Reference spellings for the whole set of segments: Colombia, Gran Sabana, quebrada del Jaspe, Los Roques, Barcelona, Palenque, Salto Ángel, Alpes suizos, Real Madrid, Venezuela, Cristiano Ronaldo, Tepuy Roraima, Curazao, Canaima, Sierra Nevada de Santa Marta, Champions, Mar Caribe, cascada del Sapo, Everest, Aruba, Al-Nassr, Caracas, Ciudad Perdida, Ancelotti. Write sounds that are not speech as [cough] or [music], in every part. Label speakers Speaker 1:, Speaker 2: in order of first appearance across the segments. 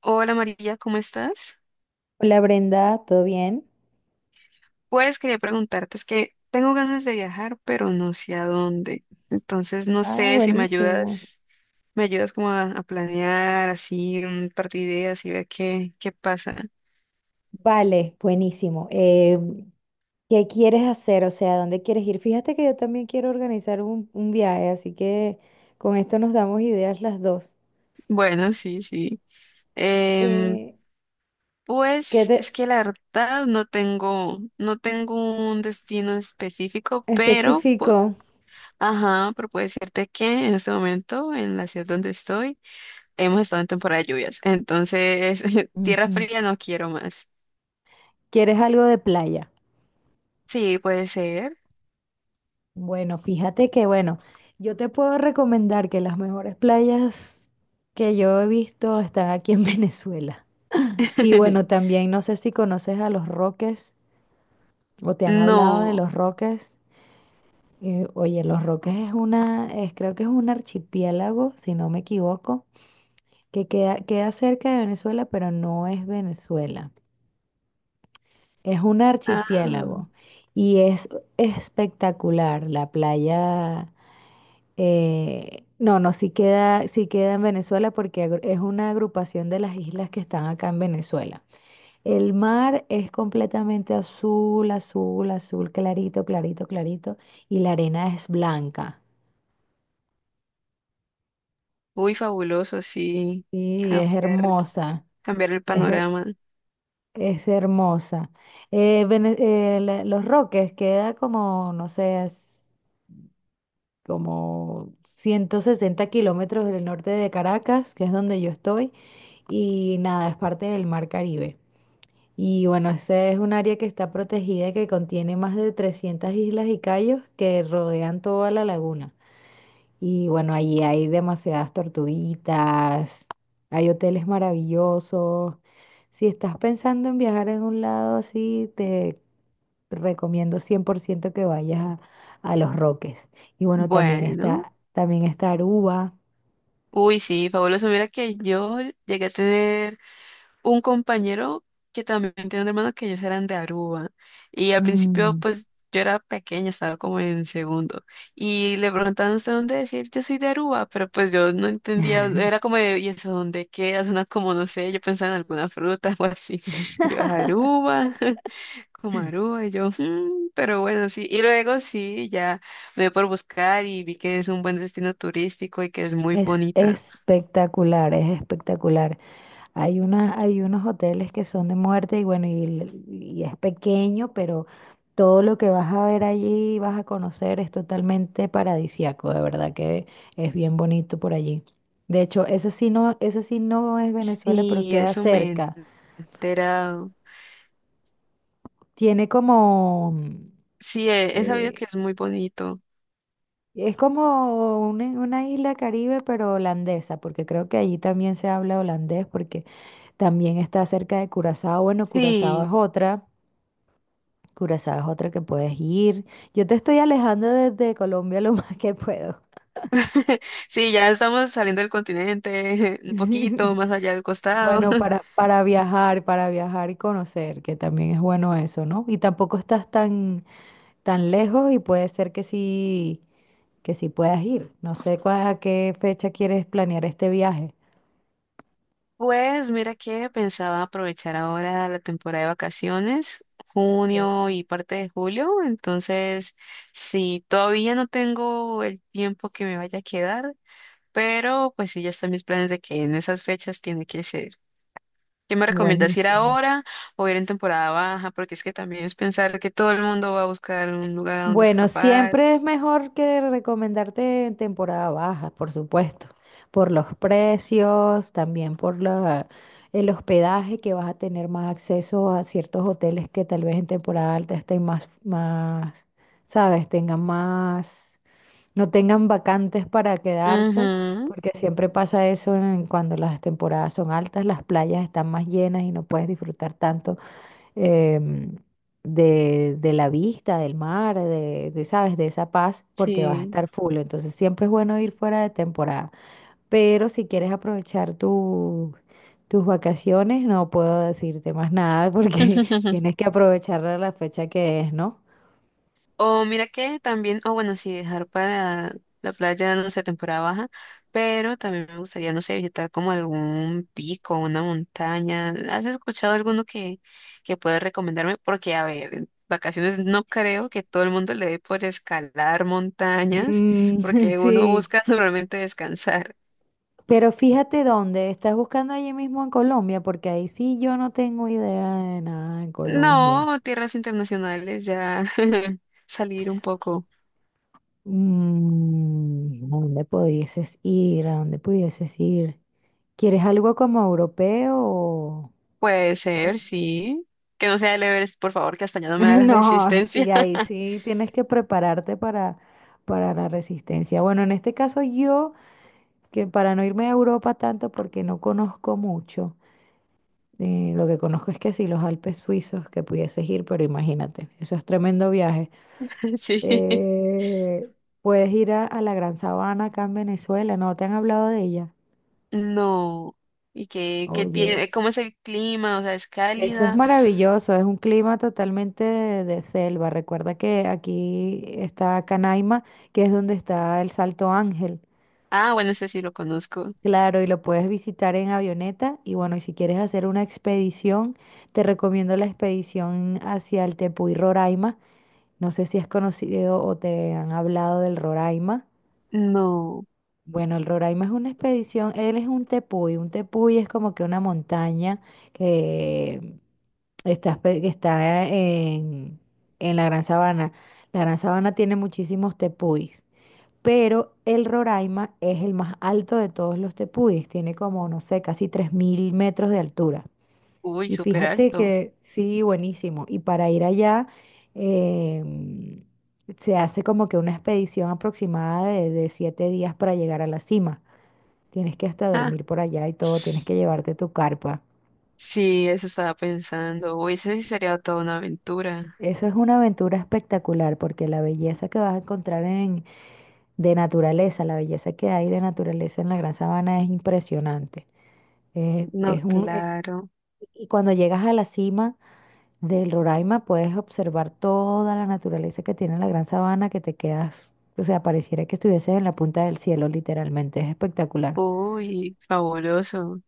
Speaker 1: Hola María, ¿cómo estás?
Speaker 2: Hola Brenda, ¿todo bien?
Speaker 1: Pues quería preguntarte, es que tengo ganas de viajar, pero no sé a dónde. Entonces no
Speaker 2: Ah,
Speaker 1: sé si me
Speaker 2: buenísimo.
Speaker 1: ayudas, me ayudas como a planear así un par de ideas y ver qué pasa.
Speaker 2: Vale, buenísimo. ¿Qué quieres hacer? O sea, ¿dónde quieres ir? Fíjate que yo también quiero organizar un viaje, así que con esto nos damos ideas las dos.
Speaker 1: Bueno, sí, sí. Em,
Speaker 2: Eh, ¿Qué
Speaker 1: pues es
Speaker 2: te
Speaker 1: que la verdad no tengo un destino específico,
Speaker 2: especifico?
Speaker 1: ajá, pero puedo decirte que en este momento, en la ciudad donde estoy, hemos estado en temporada de lluvias, entonces [laughs] tierra
Speaker 2: Ujú.
Speaker 1: fría no quiero más.
Speaker 2: ¿Quieres algo de playa?
Speaker 1: Sí, puede ser.
Speaker 2: Bueno, fíjate que, bueno, yo te puedo recomendar que las mejores playas que yo he visto están aquí en [laughs] Venezuela. Y bueno,
Speaker 1: [laughs]
Speaker 2: también no sé si conoces a Los Roques, o te han hablado de
Speaker 1: No.
Speaker 2: los Roques. Oye, los Roques es una, es, creo que es un archipiélago, si no me equivoco, que queda cerca de Venezuela, pero no es Venezuela. Es un
Speaker 1: Ah,
Speaker 2: archipiélago y es espectacular la playa. No, no, sí queda en Venezuela porque es una agrupación de las islas que están acá en Venezuela. El mar es completamente azul, azul, azul, clarito, clarito, clarito. Y la arena es blanca.
Speaker 1: uy, fabuloso, sí.
Speaker 2: Sí, es
Speaker 1: Cambiar,
Speaker 2: hermosa.
Speaker 1: cambiar el
Speaker 2: Es, her-
Speaker 1: panorama.
Speaker 2: es hermosa. Los Roques queda como, no sé, es como 160 kilómetros del norte de Caracas, que es donde yo estoy. Y nada, es parte del Mar Caribe. Y bueno, ese es un área que está protegida, que contiene más de 300 islas y cayos que rodean toda la laguna. Y bueno, allí hay demasiadas tortuguitas, hay hoteles maravillosos. Si estás pensando en viajar en un lado así, te recomiendo 100% que vayas a Los Roques. Y bueno, también
Speaker 1: Bueno.
Speaker 2: está, también está Aruba.
Speaker 1: Uy, sí, fabuloso. Mira que yo llegué a tener un compañero que también tenía un hermano que ellos eran de Aruba. Y al principio,
Speaker 2: Mm.
Speaker 1: pues yo era pequeña, estaba como en segundo. Y le preguntaban, ¿usted dónde decir? Yo soy de Aruba, pero pues yo no entendía, era como de, ¿y eso dónde queda? Una como, no sé, yo pensaba en alguna fruta [laughs] o así. Y yo,
Speaker 2: [laughs]
Speaker 1: Aruba, [laughs] como Aruba, y yo, "Mm", pero bueno, sí. Y luego sí, ya me dio por buscar y vi que es un buen destino turístico y que es muy
Speaker 2: Es
Speaker 1: bonita.
Speaker 2: espectacular, es espectacular. Hay una, hay unos hoteles que son de muerte y bueno, y es pequeño, pero todo lo que vas a ver allí, vas a conocer, es totalmente paradisíaco, de verdad que es bien bonito por allí. De hecho, eso sí no es Venezuela, pero
Speaker 1: Sí,
Speaker 2: queda
Speaker 1: eso me he
Speaker 2: cerca.
Speaker 1: enterado.
Speaker 2: Tiene como,
Speaker 1: Sí, he sabido
Speaker 2: eh,
Speaker 1: que es muy bonito.
Speaker 2: es como una isla Caribe, pero holandesa, porque creo que allí también se habla holandés, porque también está cerca de Curazao. Bueno, Curazao es
Speaker 1: Sí,
Speaker 2: otra. Curazao es otra que puedes ir. Yo te estoy alejando desde Colombia lo [laughs] más que puedo.
Speaker 1: [laughs] sí, ya estamos saliendo del continente, [laughs] un poquito
Speaker 2: [laughs]
Speaker 1: más allá del costado.
Speaker 2: Bueno,
Speaker 1: [laughs]
Speaker 2: para viajar y conocer, que también es bueno eso, ¿no? Y tampoco estás tan lejos y puede ser que sí, puedas ir. No sé a qué fecha quieres planear este viaje.
Speaker 1: Pues mira que pensaba aprovechar ahora la temporada de vacaciones,
Speaker 2: Sí.
Speaker 1: junio y parte de julio, entonces sí, todavía no tengo el tiempo que me vaya a quedar, pero pues sí, ya están mis planes de que en esas fechas tiene que ser. ¿Qué me recomiendas ir
Speaker 2: Buenísimo.
Speaker 1: ahora o ir en temporada baja? Porque es que también es pensar que todo el mundo va a buscar un lugar a donde
Speaker 2: Bueno,
Speaker 1: escapar.
Speaker 2: siempre es mejor que recomendarte en temporada baja, por supuesto, por los precios, también por el hospedaje, que vas a tener más acceso a ciertos hoteles que tal vez en temporada alta estén más, sabes, tengan más, no tengan vacantes para quedarse,
Speaker 1: Ujú,
Speaker 2: porque siempre pasa eso cuando las temporadas son altas, las playas están más llenas y no puedes disfrutar tanto em, de la vista, del mar, de, ¿sabes? De esa paz, porque vas a
Speaker 1: sí.
Speaker 2: estar full. Entonces siempre es bueno ir fuera de temporada. Pero si quieres aprovechar tus vacaciones, no puedo decirte más nada porque [laughs]
Speaker 1: [laughs]
Speaker 2: tienes que aprovechar la fecha que es, ¿no?
Speaker 1: O mira que también, o bueno, sí, dejar para la playa, no sé, temporada baja, pero también me gustaría, no sé, visitar como algún pico, una montaña. ¿Has escuchado alguno que puedes recomendarme? Porque, a ver, en vacaciones no creo que todo el mundo le dé por escalar montañas,
Speaker 2: Mm, [laughs]
Speaker 1: porque uno
Speaker 2: sí.
Speaker 1: busca [laughs] normalmente descansar.
Speaker 2: Pero fíjate dónde, estás buscando allí mismo en Colombia, porque ahí sí yo no tengo idea de nada en Colombia.
Speaker 1: No, tierras internacionales, ya [laughs] salir un poco.
Speaker 2: ¿A dónde pudieses ir? ¿A dónde pudieses ir? ¿Quieres algo como europeo
Speaker 1: Puede
Speaker 2: o-
Speaker 1: ser, sí. Que no sea el Everest, por favor, que hasta ya
Speaker 2: [laughs]
Speaker 1: no me da la [laughs]
Speaker 2: No, sí,
Speaker 1: resistencia.
Speaker 2: ahí sí tienes que prepararte para la resistencia. Bueno, en este caso yo, que para no irme a Europa tanto porque no conozco mucho, lo que conozco es que sí, los Alpes suizos, que pudieses ir, pero imagínate, eso es tremendo viaje.
Speaker 1: [laughs] Sí.
Speaker 2: Eh, puedes ir a la Gran Sabana acá en Venezuela, ¿no te han hablado de ella?
Speaker 1: No. ¿Y qué tiene?
Speaker 2: Oye.
Speaker 1: ¿Cómo es el clima? O sea, ¿es
Speaker 2: Eso es
Speaker 1: cálida?
Speaker 2: maravilloso, es un clima totalmente de selva. Recuerda que aquí está Canaima, que es donde está el Salto Ángel.
Speaker 1: Ah, bueno, ese sí lo conozco.
Speaker 2: Claro, y lo puedes visitar en avioneta. Y bueno, y si quieres hacer una expedición, te recomiendo la expedición hacia el Tepuy Roraima. No sé si has conocido o te han hablado del Roraima.
Speaker 1: No.
Speaker 2: Bueno, el Roraima es una expedición, él es un tepuy. Un tepuy es como que una montaña que está en, la Gran Sabana. La Gran Sabana tiene muchísimos tepuis, pero el Roraima es el más alto de todos los tepuis. Tiene como, no sé, casi 3000 metros de altura.
Speaker 1: Uy,
Speaker 2: Y
Speaker 1: súper
Speaker 2: fíjate
Speaker 1: alto.
Speaker 2: que sí, buenísimo. Y para ir allá, em, se hace como que una expedición aproximada de 7 días para llegar a la cima. Tienes que hasta
Speaker 1: Ah.
Speaker 2: dormir por allá y todo. Tienes que llevarte tu carpa.
Speaker 1: Sí, eso estaba pensando. Uy, ese sí sería toda una aventura.
Speaker 2: Eso es una aventura espectacular porque la belleza que vas a encontrar en, de naturaleza, la belleza que hay de naturaleza en la Gran Sabana es impresionante. Eh,
Speaker 1: No,
Speaker 2: es un, eh,
Speaker 1: claro.
Speaker 2: y cuando llegas a la cima del Roraima puedes observar toda la naturaleza que tiene la Gran Sabana que te quedas, o sea, pareciera que estuvieses en la punta del cielo literalmente. Es espectacular.
Speaker 1: Uy, fabuloso.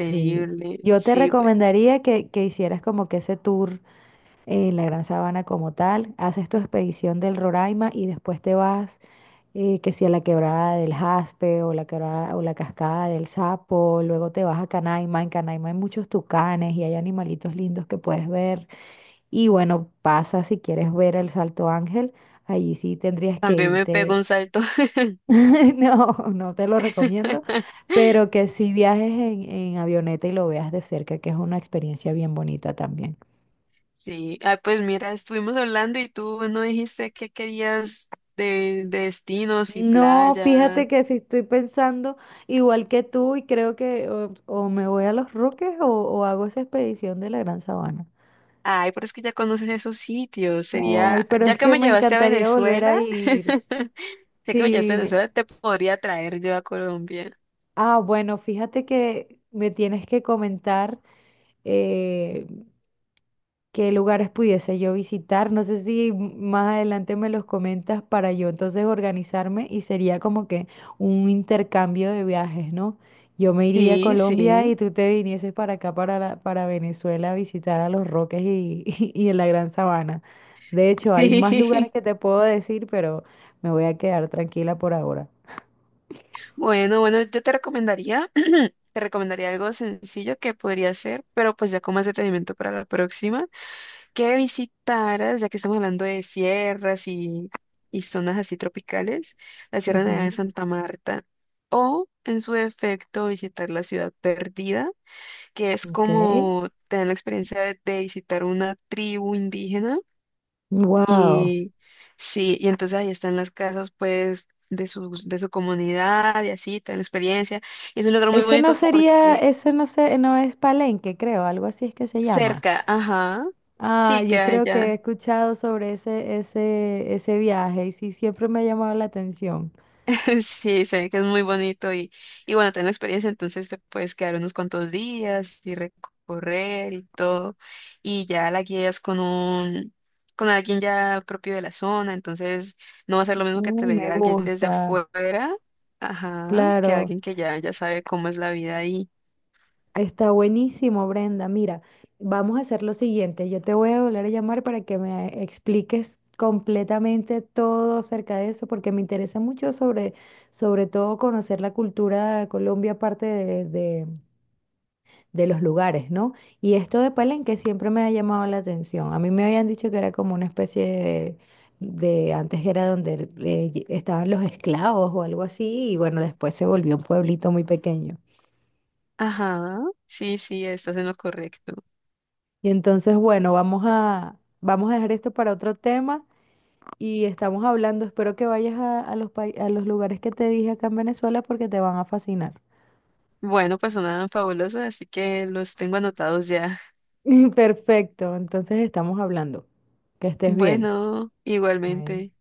Speaker 2: Sí. Yo te
Speaker 1: Sí, pues.
Speaker 2: recomendaría que hicieras como que ese tour, la Gran Sabana como tal, haces tu expedición del Roraima y después te vas, que si a la quebrada del Jaspe o la quebrada o la cascada del Sapo, luego te vas a Canaima. En Canaima hay muchos tucanes y hay animalitos lindos que puedes ver. Y bueno, pasa si quieres ver el Salto Ángel, allí sí tendrías que
Speaker 1: También me pego
Speaker 2: irte.
Speaker 1: un salto. [laughs]
Speaker 2: [laughs] No, no te lo recomiendo, pero que si viajes en avioneta y lo veas de cerca, que es una experiencia bien bonita también.
Speaker 1: Sí, ah, pues mira, estuvimos hablando y tú no dijiste qué querías de destinos y
Speaker 2: No,
Speaker 1: playa.
Speaker 2: fíjate que si estoy pensando igual que tú, y creo que o me voy a Los Roques o hago esa expedición de la Gran Sabana.
Speaker 1: Ay, pero es que ya conoces esos sitios.
Speaker 2: Ay,
Speaker 1: Sería,
Speaker 2: pero
Speaker 1: ya
Speaker 2: es
Speaker 1: que
Speaker 2: que
Speaker 1: me
Speaker 2: me
Speaker 1: llevaste a
Speaker 2: encantaría volver a
Speaker 1: Venezuela,
Speaker 2: ir.
Speaker 1: [laughs] ya que me llevaste
Speaker 2: Sí,
Speaker 1: a Venezuela, te podría traer yo a Colombia.
Speaker 2: ah, bueno, fíjate que me tienes que comentar eh, qué lugares pudiese yo visitar. No sé si más adelante me los comentas para yo entonces organizarme, y sería como que un intercambio de viajes, ¿no? Yo me iría a
Speaker 1: Sí,
Speaker 2: Colombia y
Speaker 1: sí,
Speaker 2: tú te vinieses para acá, para Venezuela, a visitar a Los Roques y, [laughs] y en la Gran Sabana. De hecho, hay más lugares
Speaker 1: sí. [laughs]
Speaker 2: que te puedo decir, pero me voy a quedar tranquila por ahora.
Speaker 1: Bueno, bueno, yo te recomendaría, [clears throat] te recomendaría algo sencillo que podría hacer, pero pues ya con más detenimiento para la próxima, que visitaras, ya que estamos hablando de sierras y zonas así tropicales, la Sierra Nevada de
Speaker 2: Ujú.
Speaker 1: Santa Marta, o en su defecto visitar la Ciudad Perdida, que es
Speaker 2: Ok.
Speaker 1: como te dan la experiencia de visitar una tribu indígena
Speaker 2: Wow.
Speaker 1: y sí, y entonces ahí están las casas pues de su comunidad y así, te dan la experiencia. Y es un lugar muy
Speaker 2: Ese no
Speaker 1: bonito
Speaker 2: sería,
Speaker 1: porque
Speaker 2: ese no sé, no es Palenque, creo, algo así es que se llama.
Speaker 1: cerca, ajá,
Speaker 2: Ah,
Speaker 1: sí,
Speaker 2: yo
Speaker 1: queda
Speaker 2: creo que he
Speaker 1: allá.
Speaker 2: escuchado sobre ese viaje y sí, siempre me ha llamado la atención.
Speaker 1: [laughs] Sí, se ve que es muy bonito y bueno, tengo experiencia, entonces te puedes quedar unos cuantos días y recorrer y todo, y ya la guías con alguien ya propio de la zona, entonces no va a ser lo mismo que te
Speaker 2: Uy,
Speaker 1: lo
Speaker 2: me
Speaker 1: diga alguien desde
Speaker 2: gusta,
Speaker 1: afuera, ajá, que
Speaker 2: claro.
Speaker 1: alguien que ya sabe cómo es la vida ahí.
Speaker 2: Está buenísimo, Brenda. Mira, vamos a hacer lo siguiente. Yo te voy a volver a llamar para que me expliques completamente todo acerca de eso, porque me interesa mucho sobre todo conocer la cultura de Colombia, aparte de los lugares, ¿no? Y esto de Palenque siempre me ha llamado la atención. A mí me habían dicho que era como una especie de antes era donde estaban los esclavos o algo así, y bueno, después se volvió un pueblito muy pequeño.
Speaker 1: Ajá, sí, sí, estás en lo correcto.
Speaker 2: Y entonces, bueno, vamos a dejar esto para otro tema, y estamos hablando, espero que vayas a los lugares que te dije acá en Venezuela porque te van a fascinar.
Speaker 1: Bueno, pues sonaban fabulosos, así que los tengo anotados ya.
Speaker 2: [laughs] Perfecto, entonces estamos hablando. Que
Speaker 1: [laughs]
Speaker 2: estés bien.
Speaker 1: Bueno,
Speaker 2: Bye.
Speaker 1: igualmente.